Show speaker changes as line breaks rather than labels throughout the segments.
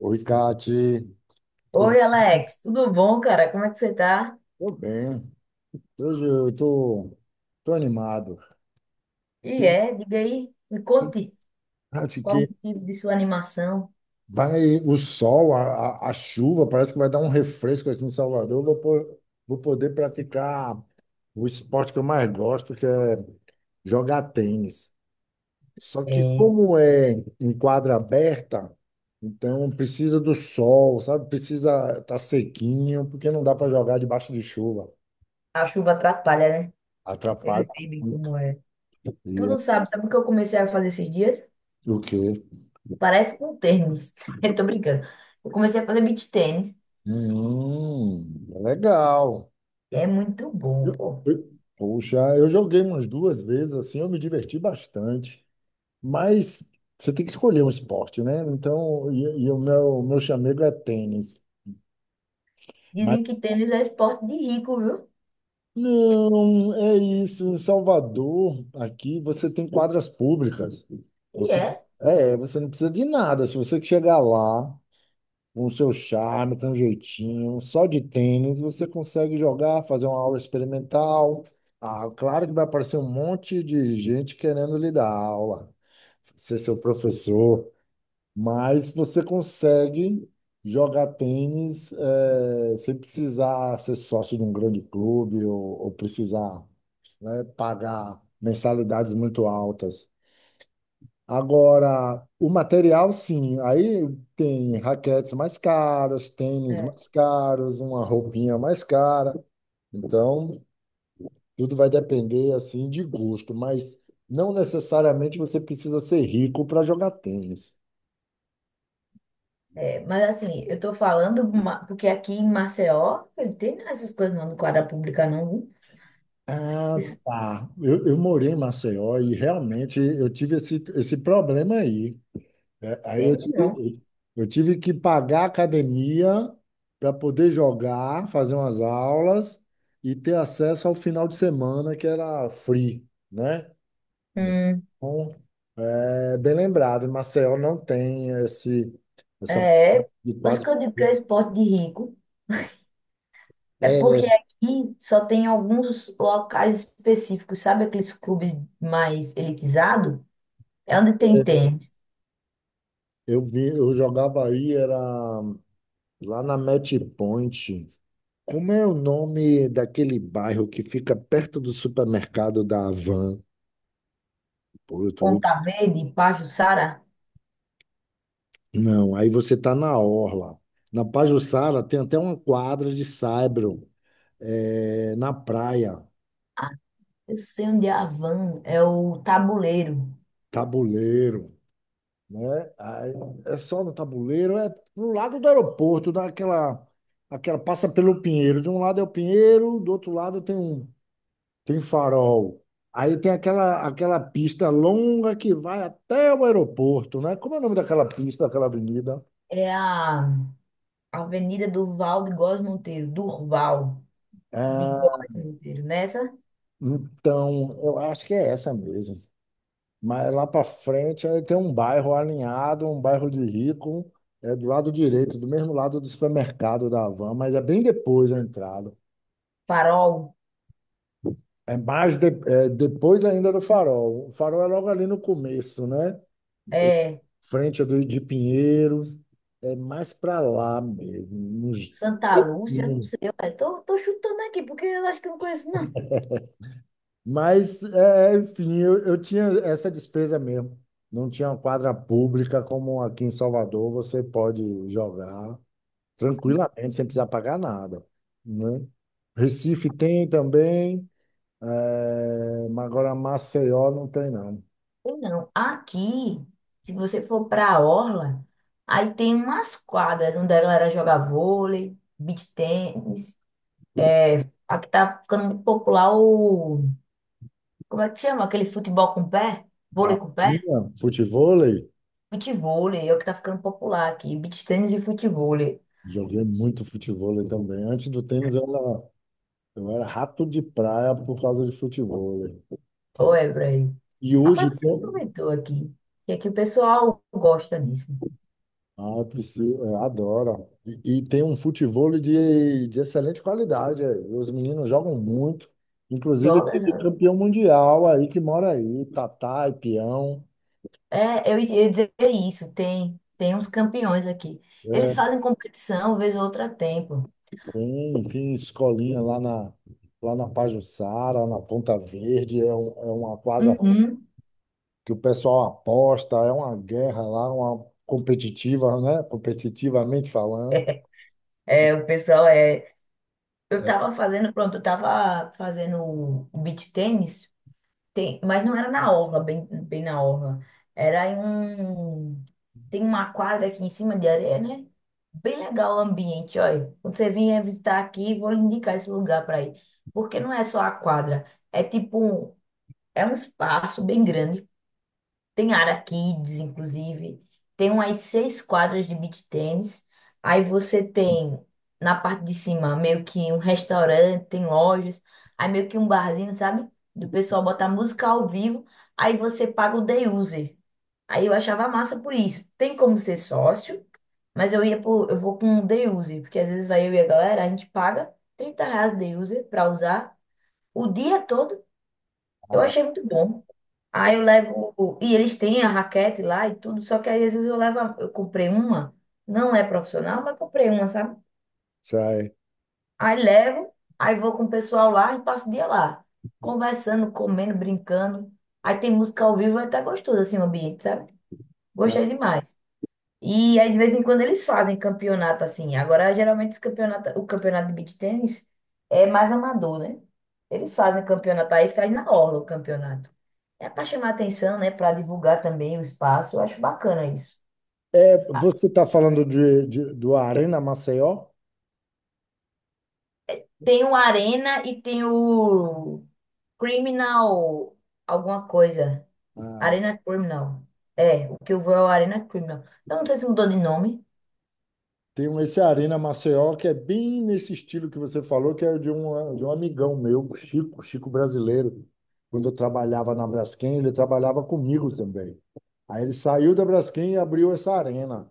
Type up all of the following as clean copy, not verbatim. Oi, Kati. Tudo
Oi, Alex, tudo bom, cara? Como é que você tá?
tudo bem? Hoje eu tô animado.
E, diga aí, me conte
Acho
qual o
que
motivo de sua animação.
vai o sol, a chuva, parece que vai dar um refresco aqui em Salvador. Vou poder praticar o esporte que eu mais gosto, que é jogar tênis. Só que
É,
como é em quadra aberta, então precisa do sol, sabe? Precisa estar tá sequinho, porque não dá para jogar debaixo de chuva.
a chuva atrapalha, né? Eu
Atrapalha
sei bem
muito.
como é. Tu
E é
não sabe, sabe o que eu comecei a fazer esses dias?
o quê?
Parece com tênis. Eu tô brincando. Eu comecei a fazer beach tênis.
Hum, legal.
E é muito bom, pô.
Poxa, eu joguei umas duas vezes, assim, eu me diverti bastante. Mas você tem que escolher um esporte, né? Então, e o meu chamego é tênis. Mas
Dizem que tênis é esporte de rico, viu?
não, é isso. Em Salvador, aqui, você tem quadras públicas.
E
Você,
é.
é, você não precisa de nada. Se você chegar lá com o seu charme, com um jeitinho, só de tênis você consegue jogar, fazer uma aula experimental. Ah, claro que vai aparecer um monte de gente querendo lhe dar aula, ser seu professor, mas você consegue jogar tênis, sem precisar ser sócio de um grande clube ou precisar, né, pagar mensalidades muito altas. Agora, o material, sim. Aí tem raquetes mais caras, tênis
É,
mais caros, uma roupinha mais cara. Então, tudo vai depender assim de gosto, mas não necessariamente você precisa ser rico para jogar tênis.
mas assim, eu tô falando porque aqui em Maceió, ele tem essas coisas não no quadra pública, não, viu?
Ah, tá. Eu morei em Maceió e realmente eu tive esse problema aí. É, aí eu
Tem,
tive,
não.
eu tive que pagar a academia para poder jogar, fazer umas aulas e ter acesso ao final de semana, que era free, né?
Hum.
Então, é bem lembrado, Marcel não tem esse, essa
É,
de
por isso que
quadro.
eu digo que é esporte de rico. É
É,
porque aqui só tem alguns locais específicos, sabe aqueles clubes mais elitizados? É onde tem tênis.
eu vi, eu jogava aí, era lá na Match Point. Como é o nome daquele bairro que fica perto do supermercado da Havan? Pô, eu tô.
Ponta Verde, Pajuçara.
Não, aí você está na orla. Na Pajuçara tem até uma quadra de saibro, é, na praia,
Eu sei onde é a van, é o Tabuleiro.
tabuleiro, né? Aí, é só no tabuleiro, é no lado do aeroporto, daquela, aquela passa pelo Pinheiro. De um lado é o Pinheiro, do outro lado tem tem farol. Aí tem aquela pista longa que vai até o aeroporto, né? Como é o nome daquela pista, daquela avenida?
É a Avenida Durval de Góes Monteiro, Durval de
Ah,
Góes Monteiro. Nessa,
então, eu acho que é essa mesmo. Mas lá para frente aí tem um bairro alinhado, um bairro de rico, é do lado direito, do mesmo lado do supermercado da Havan, mas é bem depois da entrada.
Farol,
É depois ainda do Farol. O Farol é logo ali no começo, né?
é
Frente do de Pinheiros, é mais para lá mesmo. nos-
Santa Lúcia, não
no-
sei, tô chutando aqui porque eu acho que eu não conheço não.
Mas, é, enfim, eu tinha essa despesa mesmo. Não tinha uma quadra pública como aqui em Salvador, você pode jogar tranquilamente, sem precisar pagar nada, né? Recife tem também, mas agora Maceió não tem, não.
Tem não, aqui, se você for para a orla, aí tem umas quadras onde a galera joga vôlei, beach tênis. Aqui tá ficando muito popular como é que chama? Aquele futebol com pé? Vôlei
Tá?
com pé?
Tinha futevôlei,
Futevôlei, é o que tá ficando popular aqui, beach tênis e futevôlei.
joguei muito futevôlei também. Antes do tênis, eu era rato de praia por causa de futevôlei.
Olha, Bray.
E
Rapaz,
hoje,
você
tem.
aproveitou aqui, que aqui o pessoal gosta disso.
Ah, eu preciso, eu adoro. E tem um futevôlei de excelente qualidade. Eh. Os meninos jogam muito. Inclusive,
Joga,
tem
joga.
campeão mundial aí que mora aí, Tatá e Peão.
É, eu ia dizer isso, tem uns campeões aqui. Eles
É,
fazem competição, vez ou outra tempo.
tem escolinha lá na Pajuçara, na Ponta Verde. É, é uma quadra
Uhum.
que o pessoal aposta, é uma guerra lá, uma competitiva, né? Competitivamente falando.
É, o pessoal é. Eu tava fazendo o beach tênis, tem, mas não era na orla, bem na orla. Era em um. Tem uma quadra aqui em cima de areia, né? Bem legal o ambiente, olha. Quando você vier visitar aqui, vou lhe indicar esse lugar para ir. Porque não é só a quadra, é tipo. É um espaço bem grande. Tem área kids, inclusive. Tem umas seis quadras de beach tênis. Aí você tem na parte de cima meio que um restaurante, tem lojas, aí meio que um barzinho, sabe? Do pessoal botar música ao vivo. Aí você paga o day user. Aí eu achava massa por isso. Tem como ser sócio, mas eu vou com o day user, porque às vezes vai eu e a galera, a gente paga 30 reais day user pra usar o dia todo, eu
Ah,
achei muito bom. Aí eu levo. E eles têm a raquete lá e tudo, só que aí às vezes eu levo. Eu comprei uma, não é profissional, mas comprei uma, sabe?
sai.
Aí levo, aí vou com o pessoal lá e passo o dia lá, conversando, comendo, brincando. Aí tem música ao vivo, é até gostoso assim o ambiente, sabe?
Ah,
Gostei demais. E aí, de vez em quando, eles fazem campeonato assim. Agora, geralmente, o campeonato de beach tênis é mais amador, né? Eles fazem campeonato aí, faz na orla o campeonato. É para chamar atenção, né? Para divulgar também o espaço. Eu acho bacana isso.
é, você está falando do Arena Maceió?
Tem o Arena e tem o Criminal alguma coisa.
Ah,
Arena Criminal. É, o que eu vou é o Arena Criminal. Eu não sei se mudou de nome.
esse Arena Maceió que é bem nesse estilo que você falou, que é de um amigão meu, Chico, Chico brasileiro. Quando eu trabalhava na Braskem, ele trabalhava comigo também. Aí ele saiu da Braskem e abriu essa arena.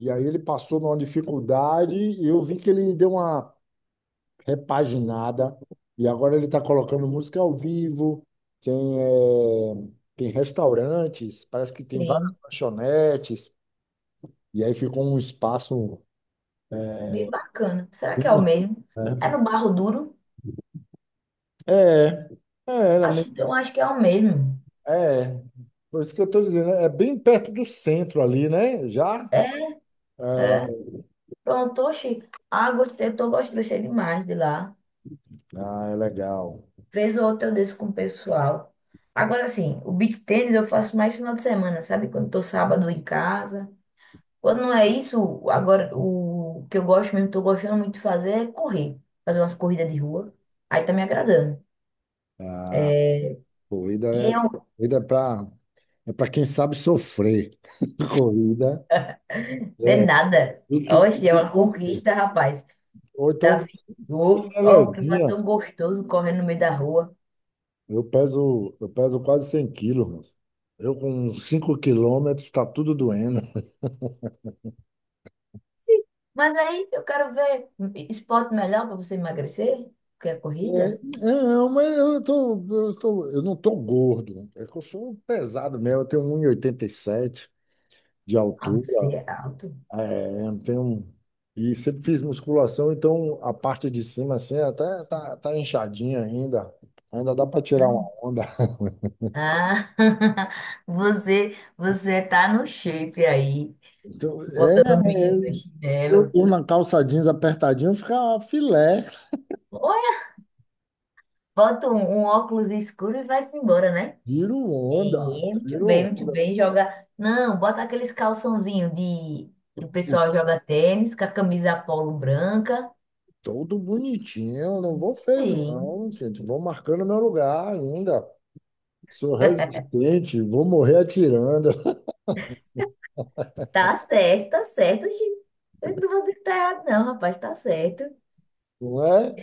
E aí ele passou numa dificuldade e eu vi que ele deu uma repaginada, e agora ele está colocando música ao vivo, tem, tem restaurantes, parece que tem várias
Tem.
lanchonetes, e aí ficou um espaço,
Bem bacana. Será que é o mesmo? É
né?
no Barro Duro?
É, era
Acho,
mesmo,
eu acho que é o mesmo.
é, por isso que eu estou dizendo, é bem perto do centro ali, né? Já?
É,
É.
é. Pronto, oxi. Ah, gostei, tô gostando, gostei demais de lá.
Ah, é legal.
Vez ou outra eu desço com o pessoal. Agora sim, o beach tênis eu faço mais final de semana, sabe? Quando tô sábado em casa. Quando não é isso, agora o que eu gosto mesmo, tô gostando muito de fazer é correr. Fazer umas corridas de rua. Aí tá me agradando.
Corrida
E
é,
eu,
corrida é para é para quem sabe sofrer. Corrida
não é
é,
nada.
tem que
Oxi, é
saber
uma
sofrer.
conquista, rapaz.
Ou então,
Davi,
você
ô,
é
ó, o clima
levinha.
tão gostoso correndo no meio da rua.
Eu peso quase 100 quilos, moço. Eu com 5 quilômetros está tudo doendo.
Mas aí eu quero ver esporte melhor para você emagrecer, porque a
É,
corrida.
não, mas eu tô, eu não tô gordo. É que eu sou pesado mesmo. Eu tenho um e oitenta e sete de
Ah,
altura.
você é alto.
É, eu tenho, um, e sempre fiz musculação, então a parte de cima assim até tá inchadinha ainda. Ainda dá para tirar uma onda.
Ah, você tá no shape aí,
Então,
botando o
é,
menino no chinelo.
eu na calça jeans apertadinha fica filé.
Olha, um óculos escuro e vai-se embora, né?
Tiro
É,
onda,
muito
tiro
bem, muito
onda.
bem. Joga. Não, bota aqueles calçãozinho de que o pessoal joga tênis, com a camisa polo branca.
Todo bonitinho, não vou feio,
Sim,
não, gente. Vou marcando meu lugar ainda. Sou resistente, vou morrer atirando,
tá certo, tá certo. Oxi, eu não vou dizer que tá errado, não, rapaz, tá certo.
não é?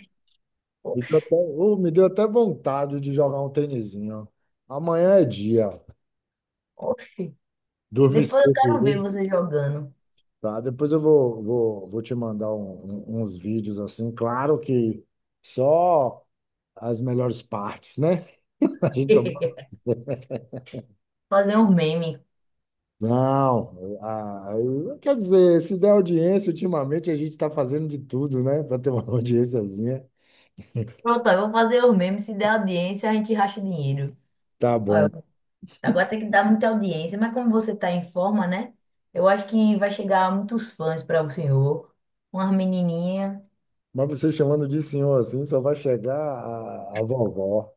Me deu até, oh, me deu até vontade de jogar um tênisinho. Amanhã é dia.
Oxi.
Dormir
Depois eu
cedo
quero ver
hoje.
você jogando.
Tá, depois eu vou te mandar uns vídeos assim. Claro que só as melhores partes, né? A gente só.
Fazer um meme.
Não, ah, quer dizer, se der audiência, ultimamente a gente está fazendo de tudo, né, para ter uma audiênciazinha.
Pronto, eu vou fazer um meme. Se der audiência, a gente racha o dinheiro.
Tá bom.
Olha, agora tem que dar muita audiência, mas como você tá em forma, né? Eu acho que vai chegar muitos fãs para o senhor. Umas menininhas.
Mas você chamando de senhor assim, só vai chegar a vovó.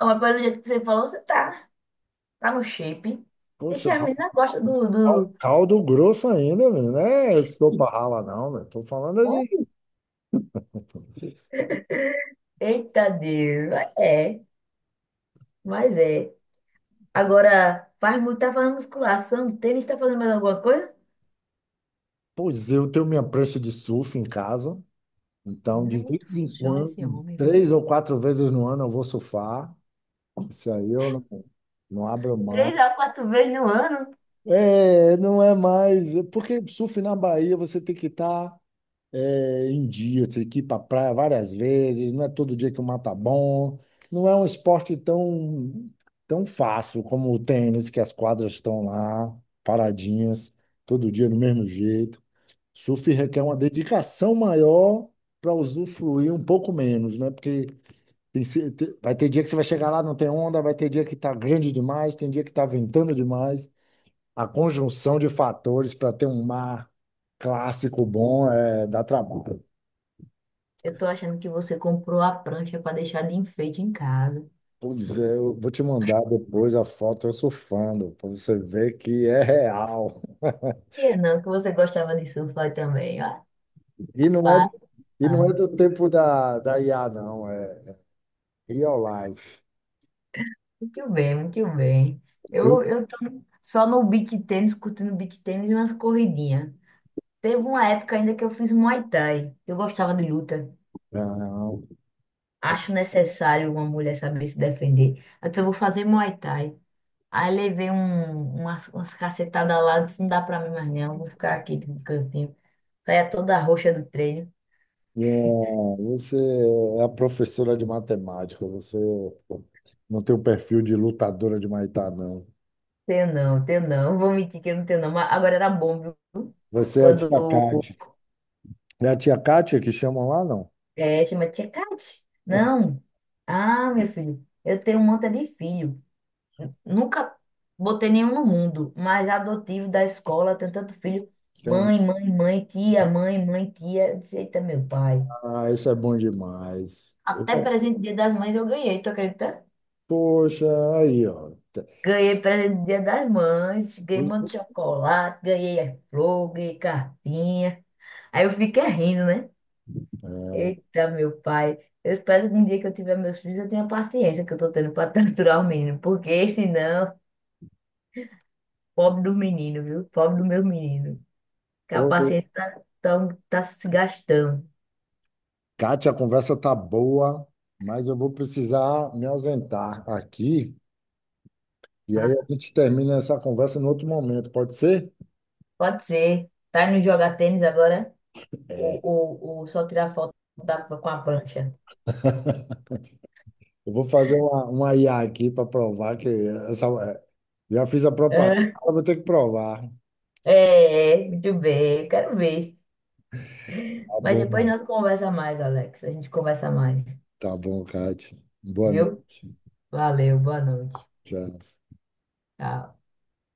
Ó, mas pelo jeito que você falou, tá no shape.
Poxa,
Deixa a menina gosta do,
dá um
do...
caldo grosso ainda, meu, não é sopa rala, não, né? Tô falando de.
Eita Deus. É, mas é. Agora, faz muito, tá fazendo musculação. Tênis, tá fazendo mais alguma coisa?
Pois eu tenho minha prancha de surf em casa, então
Não é
de
muito
vez em
função esse
quando,
homem, viu?
três ou quatro vezes no ano, eu vou surfar. Isso aí eu não, não abro
Três
mão.
a quatro vezes no ano?
É, não é mais. É. Porque surf na Bahia você tem que estar em dia, você tem que ir para praia várias vezes, não é todo dia que o mar tá bom. Não é um esporte tão fácil como o tênis, que as quadras estão lá, paradinhas, todo dia do mesmo jeito. Surf requer uma dedicação maior para usufruir um pouco menos, né? Porque tem se- te- vai ter dia que você vai chegar lá, não tem onda, vai ter dia que tá grande demais, tem dia que tá ventando demais. A conjunção de fatores para ter um mar clássico bom é, dá trabalho.
Eu tô achando que você comprou a prancha para deixar de enfeite em casa.
Pois é, eu vou te mandar depois a foto eu surfando, para você ver que é real.
E é não, que você gostava de surfar também. Ah,
E não é,
pá,
e não é
mano.
do tempo da IA, não, é real life.
Muito bem, muito bem.
Eu
Eu tô só no beach tênis, curtindo beach tênis e umas corridinhas. Teve uma época ainda que eu fiz Muay Thai. Eu gostava de luta.
não.
Acho necessário uma mulher saber se defender. Então eu vou fazer Muay Thai. Aí levei umas cacetadas lá, disse, não dá pra mim mais não, vou ficar aqui no cantinho. Saia toda roxa do treino.
Não, você é a professora de matemática, você não tem o perfil de lutadora de Muay Thai, não.
Tenho não, vou mentir que eu não tenho não, mas agora era bom, viu?
Você é a
Quando
tia Kátia. É a tia Kátia que chamam lá, não?
é, chama tia Cate. Não. Ah, meu filho, eu tenho um monte de filho. Nunca botei nenhum no mundo, mas adotivo da escola, tenho tanto filho.
Tem um.
Mãe, mãe, mãe, tia, mãe, mãe, tia. Eu disse, eita, meu pai.
Ah, isso é bom demais. Eu.
Até presente Dia das Mães eu ganhei, tu acredita?
Poxa, aí, ó.
Ganhei presente do Dia das Mães, ganhei um
o-
monte de chocolate, ganhei flor, ganhei cartinha. Aí eu fiquei rindo, né?
é,
Eita, meu pai. Eu espero que um dia que eu tiver meus filhos, eu tenha a paciência que eu tô tendo pra torturar o menino. Porque senão, pobre do menino, viu? Pobre do meu menino. Que a
então,
paciência tá se gastando.
Kátia, a conversa tá boa, mas eu vou precisar me ausentar aqui. E aí a
Ah,
gente termina essa conversa em outro momento, pode ser?
pode ser. Tá indo jogar tênis agora?
É,
Ou só tirar foto da, com a prancha?
eu vou fazer uma IA aqui para provar que essa, é, já fiz a propaganda,
É,
agora vou ter que provar.
é, muito bem. Quero ver.
Tá
Mas depois
bom,
nós conversa mais, Alex. A gente conversa mais,
tá bom, Kátia. Boa noite.
viu? Valeu, boa noite.
Tchau.
Tchau.